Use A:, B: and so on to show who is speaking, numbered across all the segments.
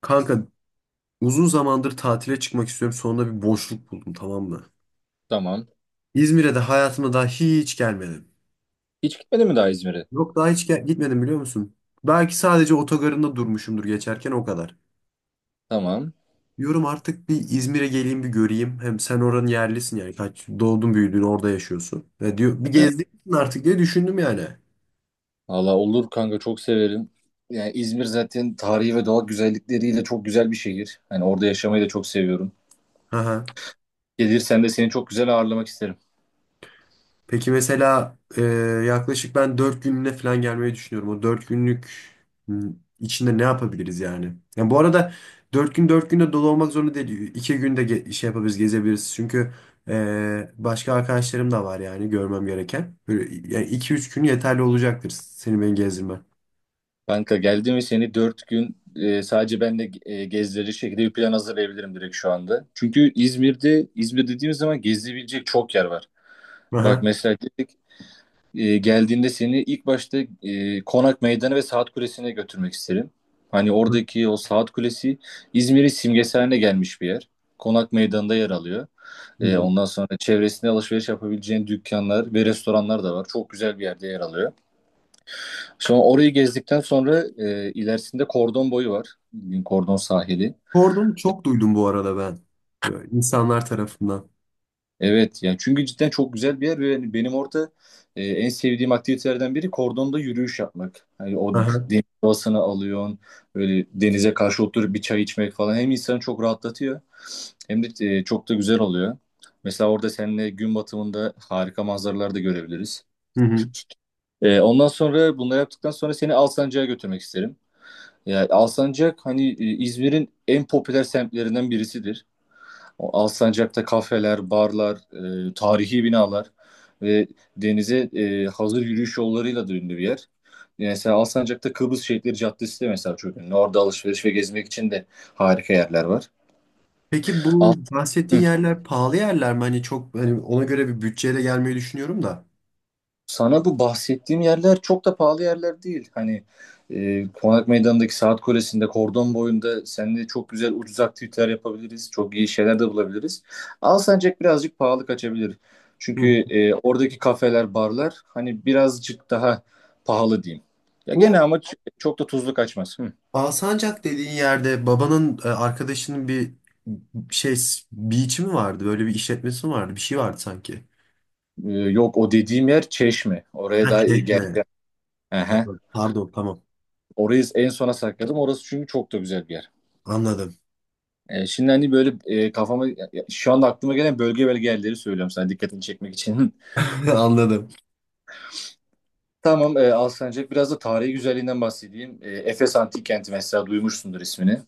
A: Kanka uzun zamandır tatile çıkmak istiyorum. Sonunda bir boşluk buldum, tamam mı?
B: Tamam.
A: İzmir'e de hayatımda daha hiç gelmedim.
B: Hiç gitmedin mi daha İzmir'e?
A: Yok, daha hiç gitmedim, biliyor musun? Belki sadece otogarında durmuşumdur geçerken, o kadar.
B: Tamam.
A: Diyorum artık bir İzmir'e geleyim, bir göreyim. Hem sen oranın yerlisin yani. Kaç doğdun büyüdün, orada yaşıyorsun. Ve diyor bir
B: Evet.
A: gezdin artık diye düşündüm yani.
B: Valla olur kanka, çok severim. Yani İzmir zaten tarihi ve doğal güzellikleriyle çok güzel bir şehir. Hani orada yaşamayı da çok seviyorum.
A: Aha.
B: Gelirsen de seni çok güzel ağırlamak isterim.
A: Peki mesela, yaklaşık ben 4 günlüğüne falan gelmeyi düşünüyorum. O 4 günlük m, içinde ne yapabiliriz yani? Yani bu arada 4 gün, 4 günde dolu olmak zorunda değil. İki günde şey yapabiliriz, gezebiliriz. Çünkü başka arkadaşlarım da var yani, görmem gereken. Böyle, yani iki üç gün yeterli olacaktır seni beni gezdirmen.
B: Kanka, geldim ve seni 4 gün sadece ben de gezdirecek şekilde bir plan hazırlayabilirim direkt şu anda. Çünkü İzmir'de, İzmir dediğimiz zaman gezilebilecek çok yer var. Bak
A: Aha.
B: mesela dedik, geldiğinde seni ilk başta Konak Meydanı ve Saat Kulesi'ne götürmek isterim. Hani oradaki o Saat Kulesi İzmir'in simgesi haline gelmiş bir yer. Konak Meydanı'nda yer alıyor.
A: Hı.
B: Ondan sonra çevresinde alışveriş yapabileceğin dükkanlar ve restoranlar da var. Çok güzel bir yerde yer alıyor. Sonra orayı gezdikten sonra ilerisinde Kordon Boyu var. Bildiğin Kordon sahili.
A: Kordonu çok duydum bu arada ben. Böyle insanlar tarafından.
B: Evet, yani çünkü cidden çok güzel bir yer ve yani benim orada en sevdiğim aktivitelerden biri kordonda yürüyüş yapmak. Hani o
A: Aha.
B: deniz havasını alıyorsun, böyle denize karşı oturup bir çay içmek falan hem insanı çok rahatlatıyor hem de çok da güzel oluyor. Mesela orada seninle gün batımında harika manzaralar da görebiliriz.
A: Hı hı.
B: Ondan sonra bunları yaptıktan sonra seni Alsancak'a götürmek isterim. Yani Alsancak hani İzmir'in en popüler semtlerinden birisidir. O Alsancak'ta kafeler, barlar, tarihi binalar ve denize hazır yürüyüş yollarıyla da ünlü bir yer. Mesela Alsancak'ta Kıbrıs Şehitleri Caddesi de mesela çok ünlü. Orada alışveriş ve gezmek için de harika yerler var.
A: Peki bu
B: Al-
A: bahsettiğin yerler pahalı yerler mi? Hani çok, hani ona göre bir bütçeyle gelmeyi düşünüyorum da.
B: Sana bu bahsettiğim yerler çok da pahalı yerler değil. Hani Konak Meydanı'ndaki Saat Kulesi'nde, Kordon boyunda seninle çok güzel ucuz aktiviteler yapabiliriz. Çok iyi şeyler de bulabiliriz. Alsancak birazcık pahalı kaçabilir.
A: Hı
B: Çünkü
A: hı.
B: oradaki kafeler, barlar hani birazcık daha pahalı diyeyim. Ya gene
A: Bu
B: ama çok da tuzlu kaçmaz. Hı.
A: Alsancak dediğin yerde babanın arkadaşının bir şey, beach'i mi vardı? Böyle bir işletmesi mi vardı? Bir şey vardı sanki.
B: Yok, o dediğim yer Çeşme. Oraya
A: Ha,
B: daha iyi
A: çekme.
B: geleceğim. Aha.
A: Tamam. Pardon, tamam.
B: Orayı en sona sakladım. Orası çünkü çok da güzel bir yer.
A: Anladım.
B: Şimdi hani böyle şu anda aklıma gelen bölge bölge yerleri söylüyorum sana dikkatini çekmek için.
A: Anladım.
B: Tamam, Alsancak biraz da tarihi güzelliğinden bahsedeyim. Efes Antik Kenti, mesela duymuşsundur ismini.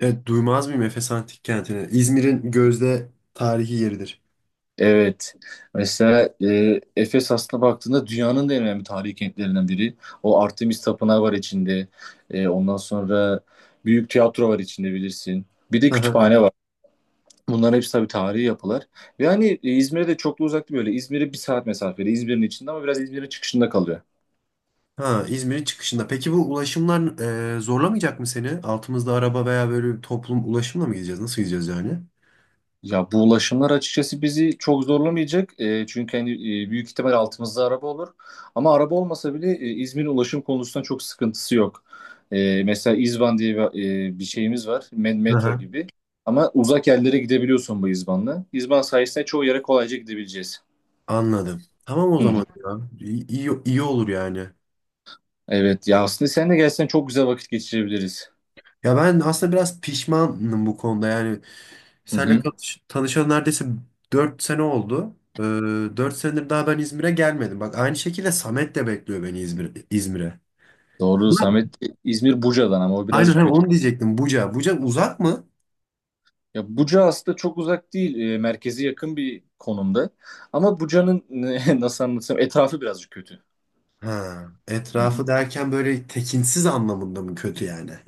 A: Evet, duymaz mıyım Efes Antik Kenti'ni? İzmir'in gözde tarihi yeridir.
B: Evet. Mesela Efes aslına baktığında dünyanın da en önemli tarihi kentlerinden biri. O Artemis Tapınağı var içinde. Ondan sonra büyük tiyatro var içinde, bilirsin. Bir de kütüphane var. Bunların hepsi tabii tarihi yapılar. Ve hani İzmir'e de çok da uzak değil böyle. İzmir'e bir saat mesafede. İzmir'in içinde ama biraz İzmir'in çıkışında kalıyor.
A: Ha, İzmir'in çıkışında. Peki bu ulaşımlar zorlamayacak mı seni? Altımızda araba, veya böyle bir toplum ulaşımla mı gideceğiz? Nasıl gideceğiz yani?
B: Ya bu ulaşımlar açıkçası bizi çok zorlamayacak. Çünkü hani büyük ihtimal altımızda araba olur. Ama araba olmasa bile İzmir'in ulaşım konusunda çok sıkıntısı yok. Mesela İzban diye bir şeyimiz var.
A: Hı
B: Metro
A: hı.
B: gibi. Ama uzak yerlere gidebiliyorsun bu İzban'la. İzban sayesinde çoğu yere kolayca gidebileceğiz.
A: Anladım. Tamam, o
B: Hı hı.
A: zaman ya. İyi, iyi, iyi olur yani.
B: Evet ya, aslında sen de gelsen çok güzel vakit geçirebiliriz.
A: Ya ben aslında biraz pişmanım bu konuda. Yani
B: Hı
A: seninle
B: hı.
A: tanışalı neredeyse 4 sene oldu. 4 senedir daha ben İzmir'e gelmedim. Bak, aynı şekilde Samet de bekliyor beni İzmir'e.
B: Doğru,
A: Ulan,
B: Samet. İzmir Buca'dan, ama o
A: aynen
B: birazcık
A: hani
B: kötü.
A: onu diyecektim. Buca. Buca uzak mı?
B: Ya Buca aslında çok uzak değil. Merkeze yakın bir konumda. Ama Buca'nın nasıl anlatsam, etrafı birazcık kötü.
A: Ha,
B: Hı hı.
A: etrafı derken böyle tekinsiz anlamında mı kötü yani?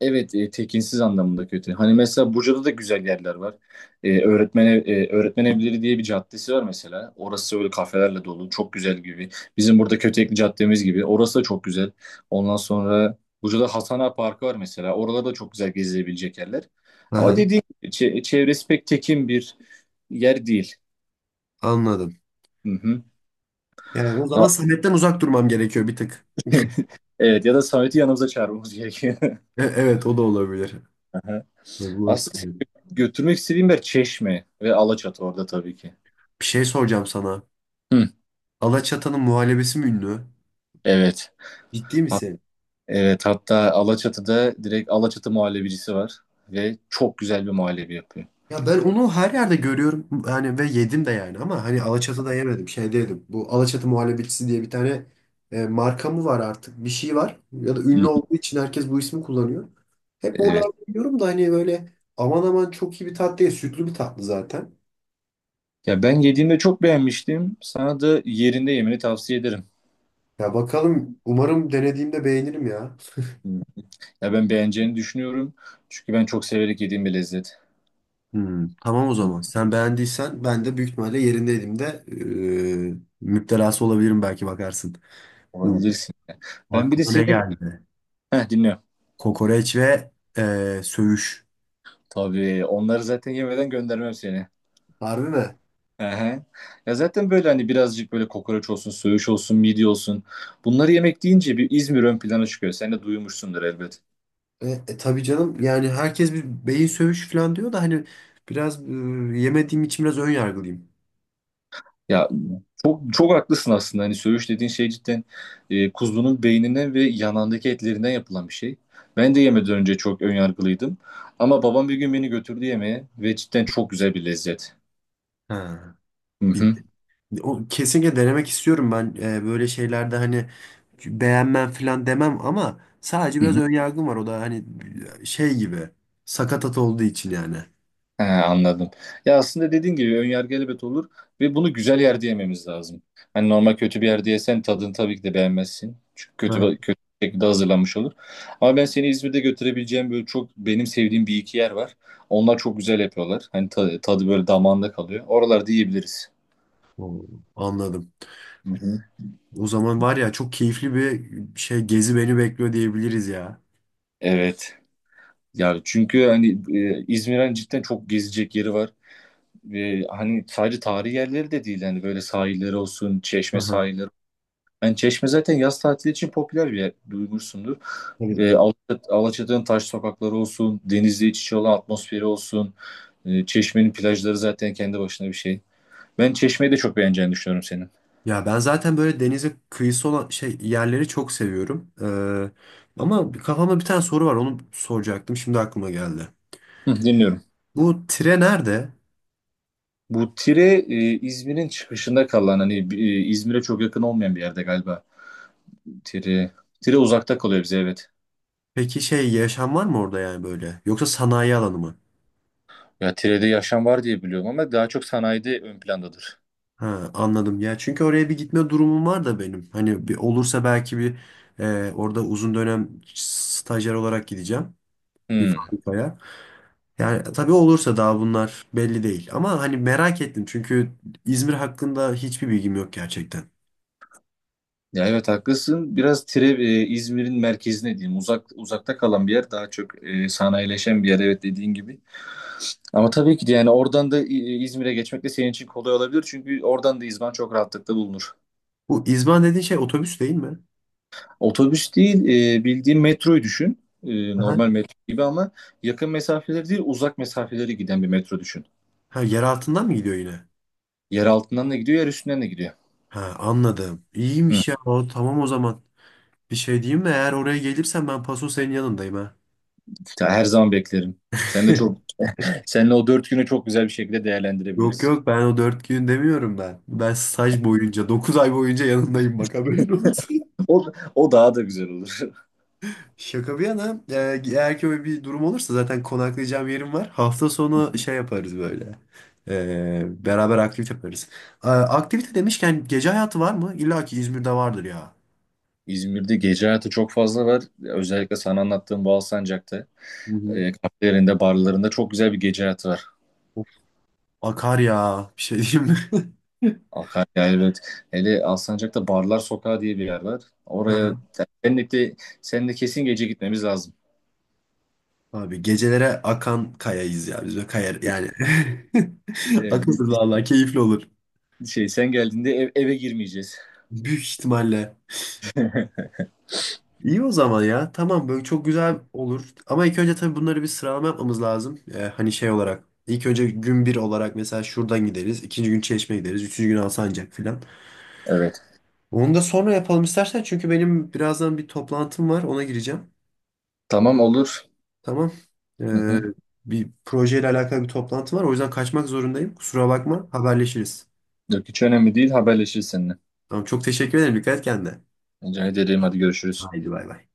B: Evet, tekinsiz anlamında kötü. Hani mesela Buca'da da güzel yerler var. Öğretmen evleri diye bir caddesi var mesela. Orası öyle kafelerle dolu. Çok güzel gibi. Bizim burada Kötekli caddemiz gibi. Orası da çok güzel. Ondan sonra Buca'da Hasan Ağa Parkı var mesela. Oralarda da çok güzel gezilebilecek yerler. Ama
A: Aha,
B: dediğim gibi çevresi pek tekin bir yer değil.
A: anladım.
B: Hı hı.
A: Yani o zaman
B: Ha-
A: Samet'ten uzak durmam gerekiyor bir tık.
B: Evet, ya da Samet'i yanımıza çağırmamız gerekiyor.
A: Evet, o da olabilir.
B: Aha.
A: Bu nasıl
B: Aslında seni götürmek istediğim yer Çeşme ve Alaçatı, orada tabii ki.
A: Bir şey soracağım sana.
B: Hı,
A: Alaçatı'nın muhallebisi mi ünlü?
B: evet.
A: Ciddi
B: Ha-
A: misin?
B: evet, hatta Alaçatı'da direkt Alaçatı muhallebicisi var ve çok güzel bir muhallebi yapıyor.
A: Ya ben onu her yerde görüyorum yani, ve yedim de yani, ama hani Alaçatı'da yemedim, şeyde yedim. Bu Alaçatı muhallebicisi diye bir tane marka mı var artık, bir şey var, ya da
B: Hı
A: ünlü
B: hı,
A: olduğu için herkes bu ismi kullanıyor. Hep
B: evet.
A: oralarda yiyorum da hani, böyle aman aman çok iyi bir tatlı değil, sütlü bir tatlı zaten.
B: Ya ben yediğimde çok beğenmiştim. Sana da yerinde yemeni tavsiye ederim.
A: Ya bakalım, umarım denediğimde beğenirim ya.
B: Hı. Ya ben beğeneceğini düşünüyorum. Çünkü ben çok severek yediğim bir lezzet.
A: Tamam, o
B: Hı,
A: zaman sen beğendiysen ben de büyük ihtimalle yerindeydim de, e, müptelası olabilirim, belki bakarsın. Hmm,
B: olabilirsin. Ben bir de
A: aklıma ne
B: senin...
A: geldi?
B: Heh, dinliyorum.
A: Kokoreç ve söğüş.
B: Tabii onları zaten yemeden göndermem seni.
A: Harbi mi?
B: Aha. Ya zaten böyle hani birazcık böyle kokoreç olsun, söğüş olsun, midye olsun. Bunları yemek deyince bir İzmir ön plana çıkıyor. Sen de duymuşsundur elbet.
A: Tabii canım yani, herkes bir beyin sövüş falan diyor da hani biraz, yemediğim için biraz ön yargılıyım.
B: Ya çok çok haklısın aslında. Hani söğüş dediğin şey cidden kuzunun beyninden ve yanağındaki etlerinden yapılan bir şey. Ben de yemeden önce çok ön yargılıydım. Ama babam bir gün beni götürdü yemeğe ve cidden çok güzel bir lezzet.
A: Ha.
B: Hı
A: Bir-
B: hı.
A: kesinlikle denemek istiyorum ben, böyle şeylerde hani beğenmem falan demem, ama sadece
B: Hı
A: biraz
B: hı.
A: ön yargım var, o da hani şey gibi, sakatat olduğu için yani.
B: He, anladım. Ya aslında dediğin gibi önyargı elbet olur ve bunu güzel yerde yememiz lazım. Hani normal kötü bir yerde yesen tadını tabii ki de beğenmezsin. Çünkü kötü
A: Ha.
B: kötü bir şekilde hazırlanmış olur. Ama ben seni İzmir'de götürebileceğim böyle çok benim sevdiğim bir iki yer var. Onlar çok güzel yapıyorlar. Hani tadı böyle damağında kalıyor. Oralarda yiyebiliriz.
A: O, anladım.
B: Hı hı.
A: O zaman var ya, çok keyifli bir şey, gezi beni bekliyor diyebiliriz ya.
B: Evet. Yani çünkü hani İzmir'in hani cidden çok gezecek yeri var. Ve hani sadece tarihi yerleri de değil. Hani böyle sahilleri olsun, Çeşme
A: Aha.
B: sahilleri. Yani Çeşme zaten yaz tatili için popüler bir yer, duymuşsundur. Alaçatı'nın taş sokakları olsun, denizle iç içe olan atmosferi olsun. Çeşme'nin plajları zaten kendi başına bir şey. Ben Çeşme'yi de çok beğeneceğini düşünüyorum senin.
A: Ya ben zaten böyle denize kıyısı olan şey yerleri çok seviyorum. Ama kafamda bir tane soru var, onu soracaktım, şimdi aklıma geldi.
B: Hı, dinliyorum.
A: Bu tire nerede?
B: Bu Tire İzmir'in çıkışında kalan, hani İzmir'e çok yakın olmayan bir yerde galiba. Tire Tire uzakta kalıyor bize, evet.
A: Peki şey, yaşam var mı orada yani, böyle? Yoksa sanayi alanı mı?
B: Ya Tire'de yaşam var diye biliyorum ama daha çok sanayide ön plandadır.
A: Ha, anladım ya, çünkü oraya bir gitme durumum var da benim. Hani bir olursa belki bir, orada uzun dönem stajyer olarak gideceğim bir
B: Hmm.
A: fabrikaya. Yani tabii olursa, daha bunlar belli değil. Ama hani merak ettim çünkü İzmir hakkında hiçbir bilgim yok gerçekten.
B: Ya evet, haklısın. Biraz Tire, İzmir'in merkezine diyeyim. Uzakta kalan bir yer. Daha çok sanayileşen bir yer. Evet, dediğin gibi. Ama tabii ki de yani oradan da İzmir'e geçmek de senin için kolay olabilir. Çünkü oradan da İzban çok rahatlıkla bulunur.
A: Bu İzban dediğin şey otobüs değil mi?
B: Otobüs değil, bildiğin metroyu düşün.
A: Aha.
B: Normal metro gibi ama yakın mesafeleri değil, uzak mesafeleri giden bir metro düşün.
A: Ha, yer altından mı gidiyor yine?
B: Yer altından da gidiyor, yer üstünden de gidiyor.
A: Ha, anladım.
B: Hı.
A: İyiymiş ya. O, tamam o zaman. Bir şey diyeyim mi? Eğer oraya gelirsen ben paso senin yanındayım ha.
B: Ya her zaman beklerim. Sen de çok, seninle o 4 günü çok güzel bir şekilde
A: Yok
B: değerlendirebiliriz.
A: yok, ben o dört gün demiyorum ben. Ben staj boyunca, dokuz ay boyunca yanındayım, bak haberin olsun.
B: O, o daha da güzel olur.
A: Şaka bir yana, eğer ki öyle bir durum olursa zaten konaklayacağım yerim var. Hafta sonu şey yaparız, böyle. Beraber aktivite yaparız. Aktivite demişken, gece hayatı var mı? İlla ki İzmir'de vardır ya.
B: İzmir'de gece hayatı çok fazla var. Özellikle sana anlattığım Alsancak'ta,
A: Hı hı.
B: kafelerinde, barlarında çok güzel bir gece hayatı var.
A: Akar ya. Bir şey diyeyim mi?
B: Akar, evet. Hele Alsancak'ta Barlar Sokağı diye bir yer var.
A: Aha.
B: Seninle de, Seninle kesin gece gitmemiz lazım.
A: Abi, gecelere akan kayayız ya biz, böyle kayar yani.
B: E, biz,
A: Akıllı
B: biz-
A: valla, keyifli olur.
B: sen geldiğinde eve girmeyeceğiz.
A: Büyük ihtimalle. İyi o zaman ya. Tamam, böyle çok güzel olur. Ama ilk önce tabii bunları bir sıralama yapmamız lazım. Hani şey olarak. İlk önce gün bir olarak mesela şuradan gideriz. İkinci gün Çeşme gideriz. Üçüncü gün Alsancak filan.
B: Evet.
A: Onu da sonra yapalım istersen. Çünkü benim birazdan bir toplantım var. Ona gireceğim.
B: Tamam, olur.
A: Tamam.
B: Hı
A: Ee,
B: hı.
A: bir projeyle alakalı bir toplantı var. O yüzden kaçmak zorundayım. Kusura bakma. Haberleşiriz.
B: Yok, hiç önemli değil. Haberleşiriz seninle.
A: Tamam. Çok teşekkür ederim. Dikkat et kendine.
B: Rica ederim. Hadi görüşürüz.
A: Haydi bay bay.